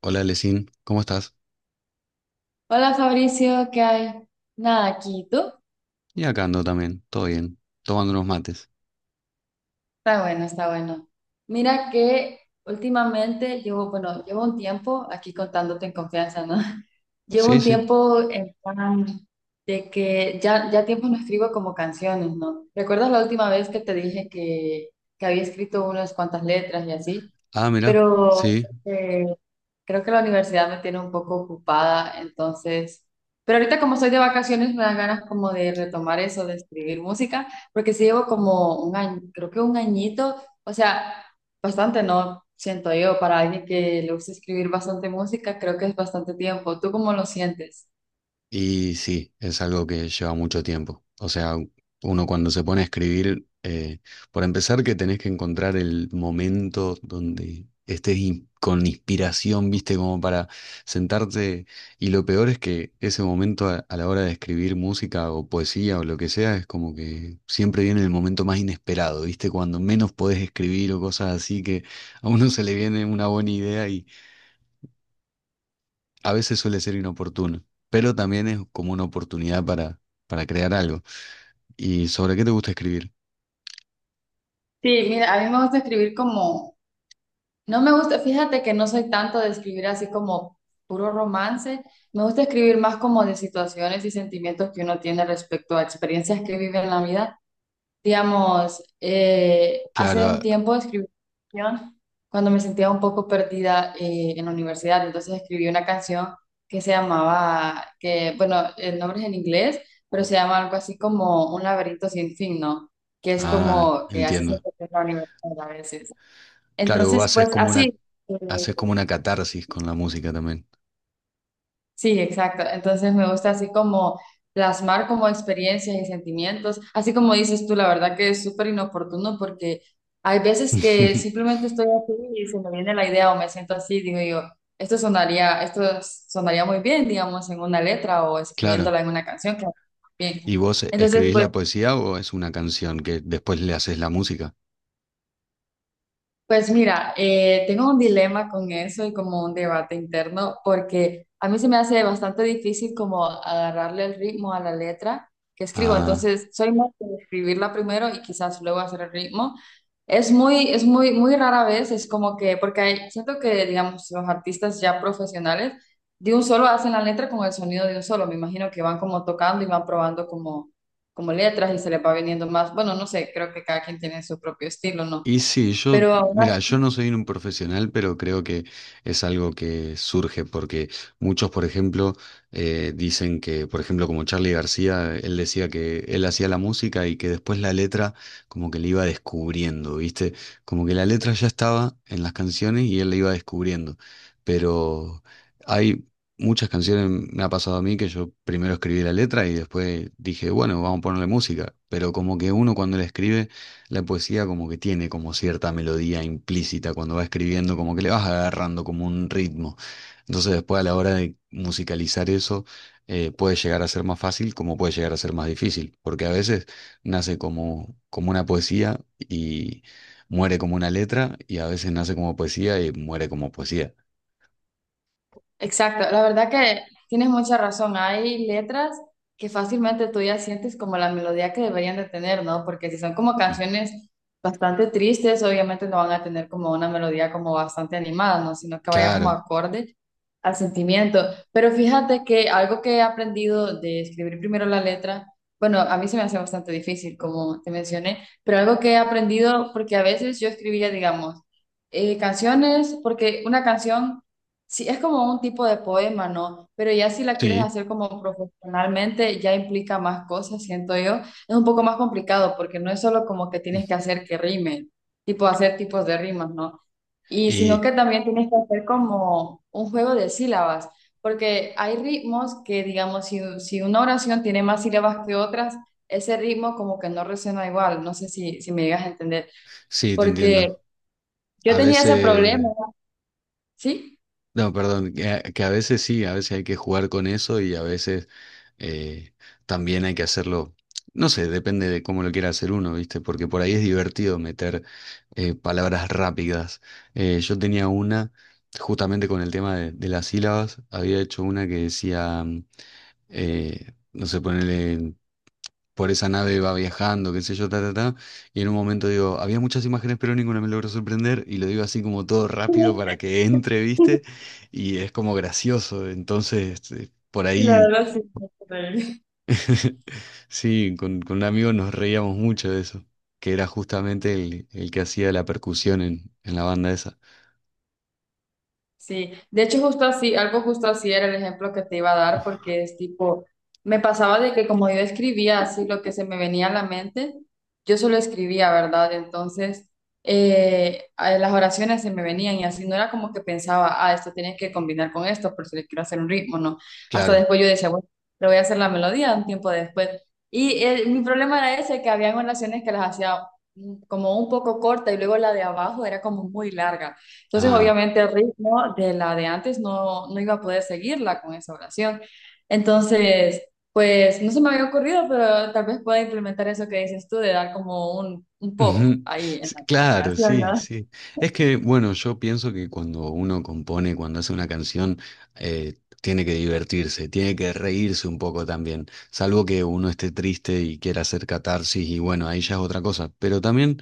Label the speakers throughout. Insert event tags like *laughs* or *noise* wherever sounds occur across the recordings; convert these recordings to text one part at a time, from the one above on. Speaker 1: Hola, Lesin, ¿cómo estás?
Speaker 2: Hola Fabricio, ¿qué hay? Nada, aquí, ¿y tú?
Speaker 1: Y acá ando también, todo bien, tomando unos mates.
Speaker 2: Está bueno, está bueno. Mira que últimamente llevo, bueno, llevo un tiempo, aquí contándote en confianza, ¿no? *laughs* Llevo
Speaker 1: Sí,
Speaker 2: un
Speaker 1: sí.
Speaker 2: tiempo en plan de que ya, ya tiempo no escribo como canciones, ¿no? ¿Recuerdas la última vez que te dije que había escrito unas cuantas letras y así?
Speaker 1: Ah, mira,
Speaker 2: Pero
Speaker 1: sí.
Speaker 2: eh, creo que la universidad me tiene un poco ocupada, entonces, pero ahorita como soy de vacaciones me dan ganas como de retomar eso, de escribir música, porque sí llevo como un año, creo que un añito, o sea, bastante, ¿no? Siento yo, para alguien que le gusta escribir bastante música, creo que es bastante tiempo. ¿Tú cómo lo sientes?
Speaker 1: Y sí, es algo que lleva mucho tiempo. O sea, uno cuando se pone a escribir, por empezar que tenés que encontrar el momento donde estés con inspiración, viste, como para sentarte. Y lo peor es que ese momento a la hora de escribir música o poesía o lo que sea, es como que siempre viene el momento más inesperado, viste, cuando menos podés escribir o cosas así, que a uno se le viene una buena idea. A veces suele ser inoportuno, pero también es como una oportunidad para crear algo. ¿Y sobre qué te gusta escribir?
Speaker 2: Sí, mira, a mí me gusta escribir como no me gusta, fíjate que no soy tanto de escribir así como puro romance, me gusta escribir más como de situaciones y sentimientos que uno tiene respecto a experiencias que vive en la vida. Digamos,
Speaker 1: Claro.
Speaker 2: hace un
Speaker 1: ah,
Speaker 2: tiempo escribí una canción cuando me sentía un poco perdida en la universidad, entonces escribí una canción que se llamaba, que bueno, el nombre es en inglés, pero se llama algo así como Un laberinto sin fin, ¿no? Que es
Speaker 1: ah,
Speaker 2: como que así se
Speaker 1: entiendo.
Speaker 2: siente en la universidad a veces.
Speaker 1: Claro, vos
Speaker 2: Entonces, pues así,
Speaker 1: haces como
Speaker 2: eh,
Speaker 1: una catarsis con la música también.
Speaker 2: sí, exacto. Entonces me gusta así como plasmar como experiencias y sentimientos, así como dices tú, la verdad que es súper inoportuno porque hay veces que
Speaker 1: *laughs*
Speaker 2: simplemente estoy así y se me viene la idea o me siento así, digo yo, esto sonaría muy bien, digamos, en una letra o
Speaker 1: Claro.
Speaker 2: escribiéndola en una canción, que
Speaker 1: ¿Y
Speaker 2: bien.
Speaker 1: vos
Speaker 2: Entonces,
Speaker 1: escribís
Speaker 2: pues
Speaker 1: la poesía o es una canción que después le haces la música?
Speaker 2: pues mira, tengo un dilema con eso y como un debate interno, porque a mí se me hace bastante difícil como agarrarle el ritmo a la letra que escribo.
Speaker 1: Ah.
Speaker 2: Entonces, soy más de escribirla primero y quizás luego hacer el ritmo. Es muy, muy rara vez, es como que, porque hay- siento que, digamos, los artistas ya profesionales de un solo hacen la letra con el sonido de un solo. Me imagino que van como tocando y van probando como, como letras y se les va viniendo más. Bueno, no sé, creo que cada quien tiene su propio estilo, ¿no?
Speaker 1: Y sí, yo,
Speaker 2: Pero aún
Speaker 1: mira, yo no soy un profesional, pero creo que es algo que surge porque muchos, por ejemplo, dicen que, por ejemplo, como Charly García, él decía que él hacía la música y que después la letra como que le iba descubriendo, ¿viste? Como que la letra ya estaba en las canciones y él la iba descubriendo. Pero hay muchas canciones, me ha pasado a mí que yo primero escribí la letra y después dije, bueno, vamos a ponerle música. Pero como que uno cuando la escribe la poesía, como que tiene como cierta melodía implícita cuando va escribiendo, como que le vas agarrando como un ritmo. Entonces, después, a la hora de musicalizar eso, puede llegar a ser más fácil como puede llegar a ser más difícil, porque a veces nace como, una poesía y muere como una letra, y a veces nace como poesía y muere como poesía.
Speaker 2: exacto, la verdad que tienes mucha razón. Hay letras que fácilmente tú ya sientes como la melodía que deberían de tener, ¿no? Porque si son como
Speaker 1: Mm.
Speaker 2: canciones bastante tristes, obviamente no van a tener como una melodía como bastante animada, ¿no? Sino que vaya como
Speaker 1: Claro,
Speaker 2: acorde al sentimiento. Pero fíjate que algo que he aprendido de escribir primero la letra, bueno, a mí se me hace bastante difícil, como te mencioné, pero algo que he aprendido, porque a veces yo escribía, digamos, canciones, porque una canción sí, es como un tipo de poema, ¿no? Pero ya si la quieres
Speaker 1: sí.
Speaker 2: hacer como profesionalmente, ya implica más cosas, siento yo. Es un poco más complicado porque no es solo como que tienes que hacer que rime, tipo hacer tipos de rimas, ¿no? Y sino
Speaker 1: Y
Speaker 2: que también tienes que hacer como un juego de sílabas, porque hay ritmos que, digamos, si, si una oración tiene más sílabas que otras, ese ritmo como que no resuena igual, no sé si, si me llegas a entender,
Speaker 1: sí, te
Speaker 2: porque
Speaker 1: entiendo.
Speaker 2: yo
Speaker 1: A
Speaker 2: tenía ese problema,
Speaker 1: veces,
Speaker 2: ¿sí?
Speaker 1: no, perdón, que a veces sí, a veces hay que jugar con eso, y a veces eh, también hay que hacerlo, no sé, depende de cómo lo quiera hacer uno, ¿viste? Porque por ahí es divertido meter palabras rápidas. Yo tenía una, justamente con el tema de las sílabas, había hecho una que decía, no sé, ponerle, por esa nave va viajando, qué sé yo, ta, ta, ta. Y en un momento digo, había muchas imágenes, pero ninguna me logró sorprender, y lo digo así como todo rápido para que entre, ¿viste?
Speaker 2: *laughs*
Speaker 1: Y es como gracioso, entonces, por
Speaker 2: Y la
Speaker 1: ahí.
Speaker 2: verdad sí, no sé por qué.
Speaker 1: *laughs* Sí, con un amigo nos reíamos mucho de eso, que era justamente el que hacía la percusión en la banda esa.
Speaker 2: Sí, de hecho justo así, algo justo así era el ejemplo que te iba a dar porque es tipo, me pasaba de que como yo escribía así lo que se me venía a la mente, yo solo escribía, ¿verdad? Entonces las oraciones se me venían y así no era como que pensaba, ah, esto tiene que combinar con esto por si le quiero hacer un ritmo, no. Hasta
Speaker 1: Claro.
Speaker 2: después yo decía, bueno, le voy a hacer la melodía un tiempo después. Y mi problema era ese, que habían oraciones que las hacía como un poco corta y luego la de abajo era como muy larga. Entonces,
Speaker 1: Ah,
Speaker 2: obviamente, el ritmo de la de antes no, no iba a poder seguirla con esa oración. Entonces, pues no se me había ocurrido, pero tal vez pueda implementar eso que dices tú de dar como un pop
Speaker 1: ujú.
Speaker 2: ahí en
Speaker 1: Sí,
Speaker 2: la, la
Speaker 1: claro,
Speaker 2: canción,
Speaker 1: sí,
Speaker 2: ¿no?
Speaker 1: sí. Es que, bueno, yo pienso que cuando uno compone, cuando hace una canción, eh, tiene que divertirse, tiene que reírse un poco también, salvo que uno esté triste y quiera hacer catarsis, y bueno, ahí ya es otra cosa. Pero también,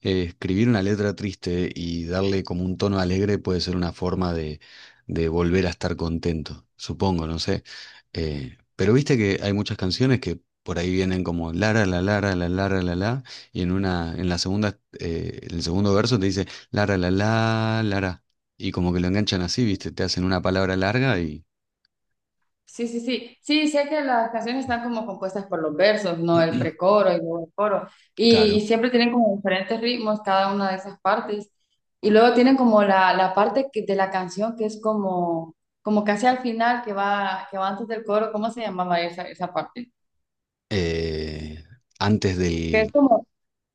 Speaker 1: escribir una letra triste y darle como un tono alegre puede ser una forma de volver a estar contento, supongo, no sé. Pero viste que hay muchas canciones que por ahí vienen como la la, la la, la la la, la, la, y en una, en el segundo verso te dice Lara la la Lara, y como que lo enganchan así, ¿viste? Te hacen una palabra larga y
Speaker 2: Sí, sí, sí. Sí, sé que las canciones están como compuestas por los versos, ¿no? El
Speaker 1: *clears throat*
Speaker 2: precoro y luego el coro. Y
Speaker 1: claro.
Speaker 2: siempre tienen como diferentes ritmos cada una de esas partes. Y luego tienen como la parte que- de la canción que es como, como casi al final, que va antes del coro. ¿Cómo se llamaba esa, esa parte?
Speaker 1: eh, antes
Speaker 2: Que es
Speaker 1: del
Speaker 2: como,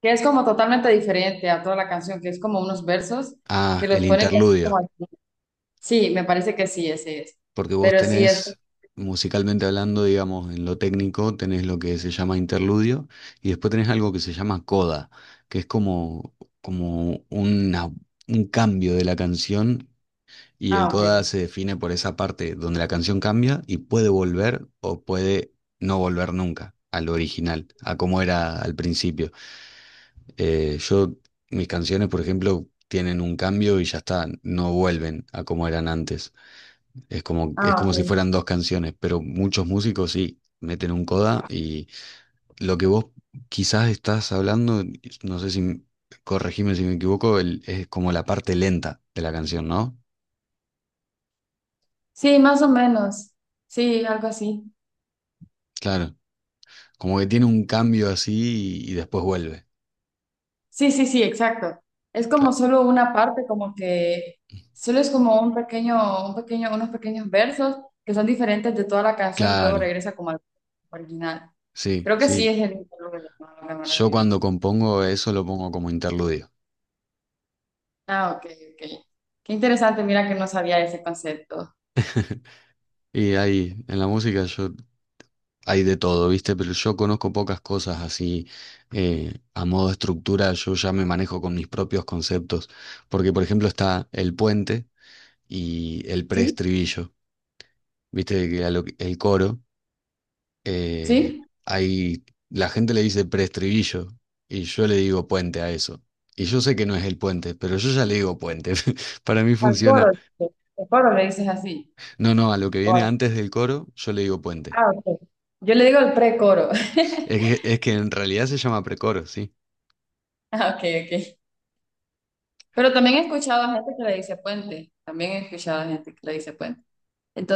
Speaker 2: que es como totalmente diferente a toda la canción, que es como unos versos que
Speaker 1: el
Speaker 2: los ponen como
Speaker 1: interludio.
Speaker 2: al final. Sí, me parece que sí, ese es.
Speaker 1: Porque vos
Speaker 2: Pero sí es.
Speaker 1: tenés, musicalmente hablando, digamos, en lo técnico, tenés lo que se llama interludio, y después tenés algo que se llama coda, que es como, como una, un cambio de la canción. Y el
Speaker 2: Ah, ok.
Speaker 1: coda se define por esa parte donde la canción cambia y puede volver o puede no volver nunca al original, a cómo era al principio. Eh, yo, Mis canciones, por ejemplo, tienen un cambio y ya está, no vuelven a como eran antes. Es
Speaker 2: Ah,
Speaker 1: como si
Speaker 2: ok.
Speaker 1: fueran dos canciones, pero muchos músicos sí meten un coda, y lo que vos quizás estás hablando, no sé si, corregime si me equivoco, es como la parte lenta de la canción, ¿no?
Speaker 2: Sí, más o menos. Sí, algo así.
Speaker 1: Claro. Como que tiene un cambio así, y después vuelve.
Speaker 2: Sí, sí, sí, exacto. Es como
Speaker 1: Cla-
Speaker 2: solo una parte, como que solo es como un pequeño, unos pequeños versos que son diferentes de toda la canción y luego
Speaker 1: claro,
Speaker 2: regresa como al original.
Speaker 1: sí,
Speaker 2: Creo que sí
Speaker 1: sí.
Speaker 2: es el mismo lo que a lo que me
Speaker 1: Yo
Speaker 2: refiero.
Speaker 1: cuando compongo eso lo pongo como interludio.
Speaker 2: Ah, ok, ok. Qué interesante, mira que no sabía ese concepto.
Speaker 1: *laughs* Y ahí, en la música, yo hay de todo, ¿viste? Pero yo conozco pocas cosas así, a modo de estructura, yo ya me manejo con mis propios conceptos, porque por ejemplo está el puente y el
Speaker 2: ¿Sí?
Speaker 1: preestribillo, ¿viste? Que a el coro. eh,
Speaker 2: ¿Sí?
Speaker 1: hay, la gente le dice preestribillo y yo le digo puente a eso. Y yo sé que no es el puente, pero yo ya le digo puente. *laughs* Para mí
Speaker 2: Al
Speaker 1: funciona.
Speaker 2: coro, dice, al coro le dices así.
Speaker 1: No, no, a lo que
Speaker 2: O
Speaker 1: viene
Speaker 2: al-
Speaker 1: antes del coro, yo le digo puente.
Speaker 2: ah, ok. Yo le digo el precoro. *laughs*
Speaker 1: Es que en realidad se llama precoro, sí.
Speaker 2: Ah, ok, ok. Pero también he escuchado a gente que le dice puente. También he escuchado a gente que le dice puente.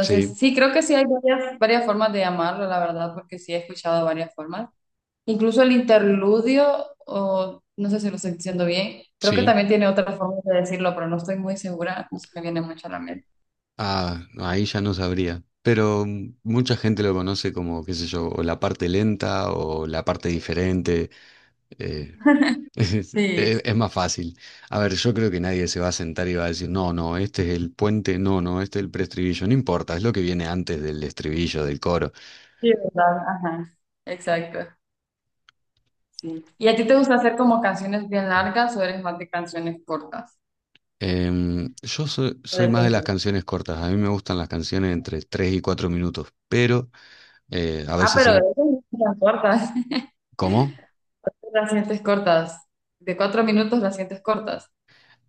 Speaker 1: Sí,
Speaker 2: sí, creo que sí hay varias, varias formas de llamarlo, la verdad, porque sí he escuchado varias formas. Incluso el interludio, o no sé si lo estoy diciendo bien, creo que
Speaker 1: sí.
Speaker 2: también tiene otra forma de decirlo, pero no estoy muy segura, no se me viene mucho a la mente.
Speaker 1: Ah, no, ahí ya no sabría. Pero mm, mucha gente lo conoce como, qué sé yo, o la parte lenta o la parte diferente. eh, Es, es
Speaker 2: Sí,
Speaker 1: más fácil. A ver, yo creo que nadie se va a sentar y va a decir, no, no, este es el puente, no, no, este es el preestribillo, no importa, es lo que viene antes del estribillo, del coro.
Speaker 2: sí, ¿verdad? Ajá, exacto. Sí. ¿Y a ti te gusta hacer como canciones bien largas o eres más de canciones cortas?
Speaker 1: Yo soy más de las
Speaker 2: Depende.
Speaker 1: canciones cortas, a mí me gustan las canciones entre 3 y 4 minutos, pero a
Speaker 2: Ah,
Speaker 1: veces,
Speaker 2: pero de esas no son tan cortas. *laughs*
Speaker 1: ¿cómo?
Speaker 2: Las sientes cortas. De 4 minutos las sientes cortas.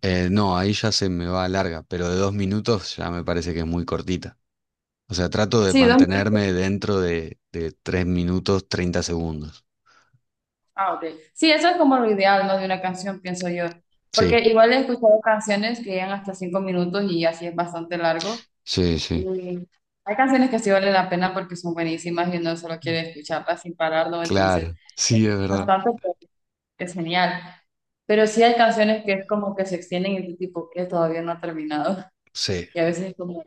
Speaker 1: No, ahí ya se me va larga, pero de 2 minutos ya me parece que es muy cortita. O sea, trato de
Speaker 2: Sí, 2 minutos.
Speaker 1: mantenerme dentro de 3 minutos 30 segundos.
Speaker 2: Ah, ok. Sí, eso es como lo ideal, ¿no? De una canción, pienso yo. Porque
Speaker 1: Sí,
Speaker 2: igual he escuchado canciones que llegan hasta 5 minutos y así es bastante largo.
Speaker 1: sí, sí.
Speaker 2: Y hay canciones que sí valen la pena porque son buenísimas y uno solo quiere escucharlas sin pararlo, entonces
Speaker 1: Claro,
Speaker 2: es
Speaker 1: sí, es verdad.
Speaker 2: bastante, pues, es genial. Pero sí hay canciones que es como que se extienden y tú tipo que todavía no ha terminado.
Speaker 1: Sí.
Speaker 2: Y a veces es como,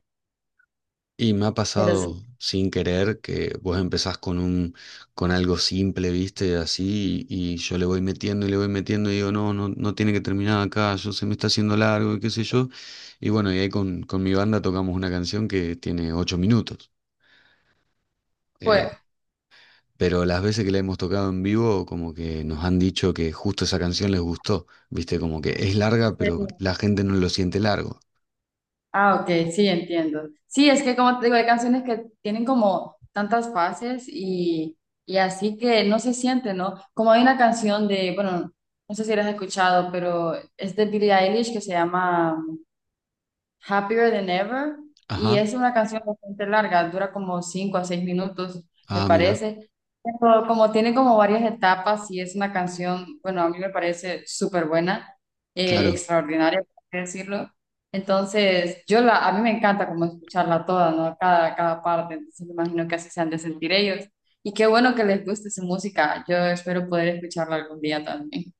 Speaker 1: Y me ha
Speaker 2: pero sí.
Speaker 1: pasado sin querer que vos empezás con algo simple, viste, así, y yo le voy metiendo y le voy metiendo y digo, no, no, no tiene que terminar acá, yo se me está haciendo largo y qué sé yo. Y bueno, y ahí con mi banda tocamos una canción que tiene 8 minutos.
Speaker 2: Pues,
Speaker 1: Eh, pero las veces que la hemos tocado en vivo, como que nos han dicho que justo esa canción les gustó, viste, como que es larga, pero la gente no lo siente largo.
Speaker 2: ah, ok, sí, entiendo. Sí, es que como te digo, hay canciones que tienen como tantas fases y así que no se siente, ¿no? Como hay una canción de, bueno, no sé si la has escuchado, pero es de Billie Eilish que se llama Happier Than Ever, y
Speaker 1: Ajá.
Speaker 2: es una canción bastante larga, dura como 5 a 6 minutos, me
Speaker 1: Ah, mira,
Speaker 2: parece. Pero como tiene como varias etapas y es una canción, bueno, a mí me parece súper buena,
Speaker 1: claro.
Speaker 2: extraordinaria, por así decirlo. Entonces, yo la, a mí me encanta como escucharla toda, ¿no? Cada, cada parte, entonces me imagino que así se han de sentir ellos. Y qué bueno que les guste su música, yo espero poder escucharla algún día también.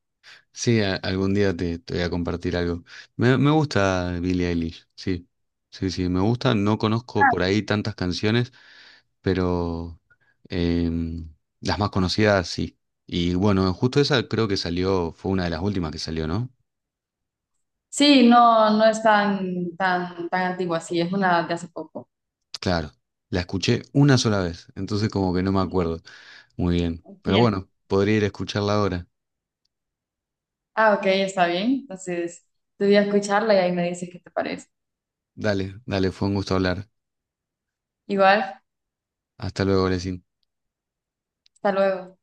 Speaker 1: Sí, algún día te voy a compartir algo. Me gusta Billie Eilish, sí. Sí, sí, me gusta. No conozco por ahí tantas canciones, pero em, las más conocidas sí. Y bueno, justo esa creo que salió, fue una de las últimas que salió, ¿no?
Speaker 2: Sí, no, no es tan, tan, tan antigua, sí, es una de hace poco.
Speaker 1: Claro, la escuché una sola vez, entonces como que no me acuerdo muy bien.
Speaker 2: Sí,
Speaker 1: Pero bueno, podría ir a escucharla ahora.
Speaker 2: ah, ok, está bien. Entonces, te voy a escucharla y ahí me dices qué te parece.
Speaker 1: Dale, dale, fue un gusto hablar.
Speaker 2: Igual,
Speaker 1: Hasta luego, Lesin.
Speaker 2: hasta luego.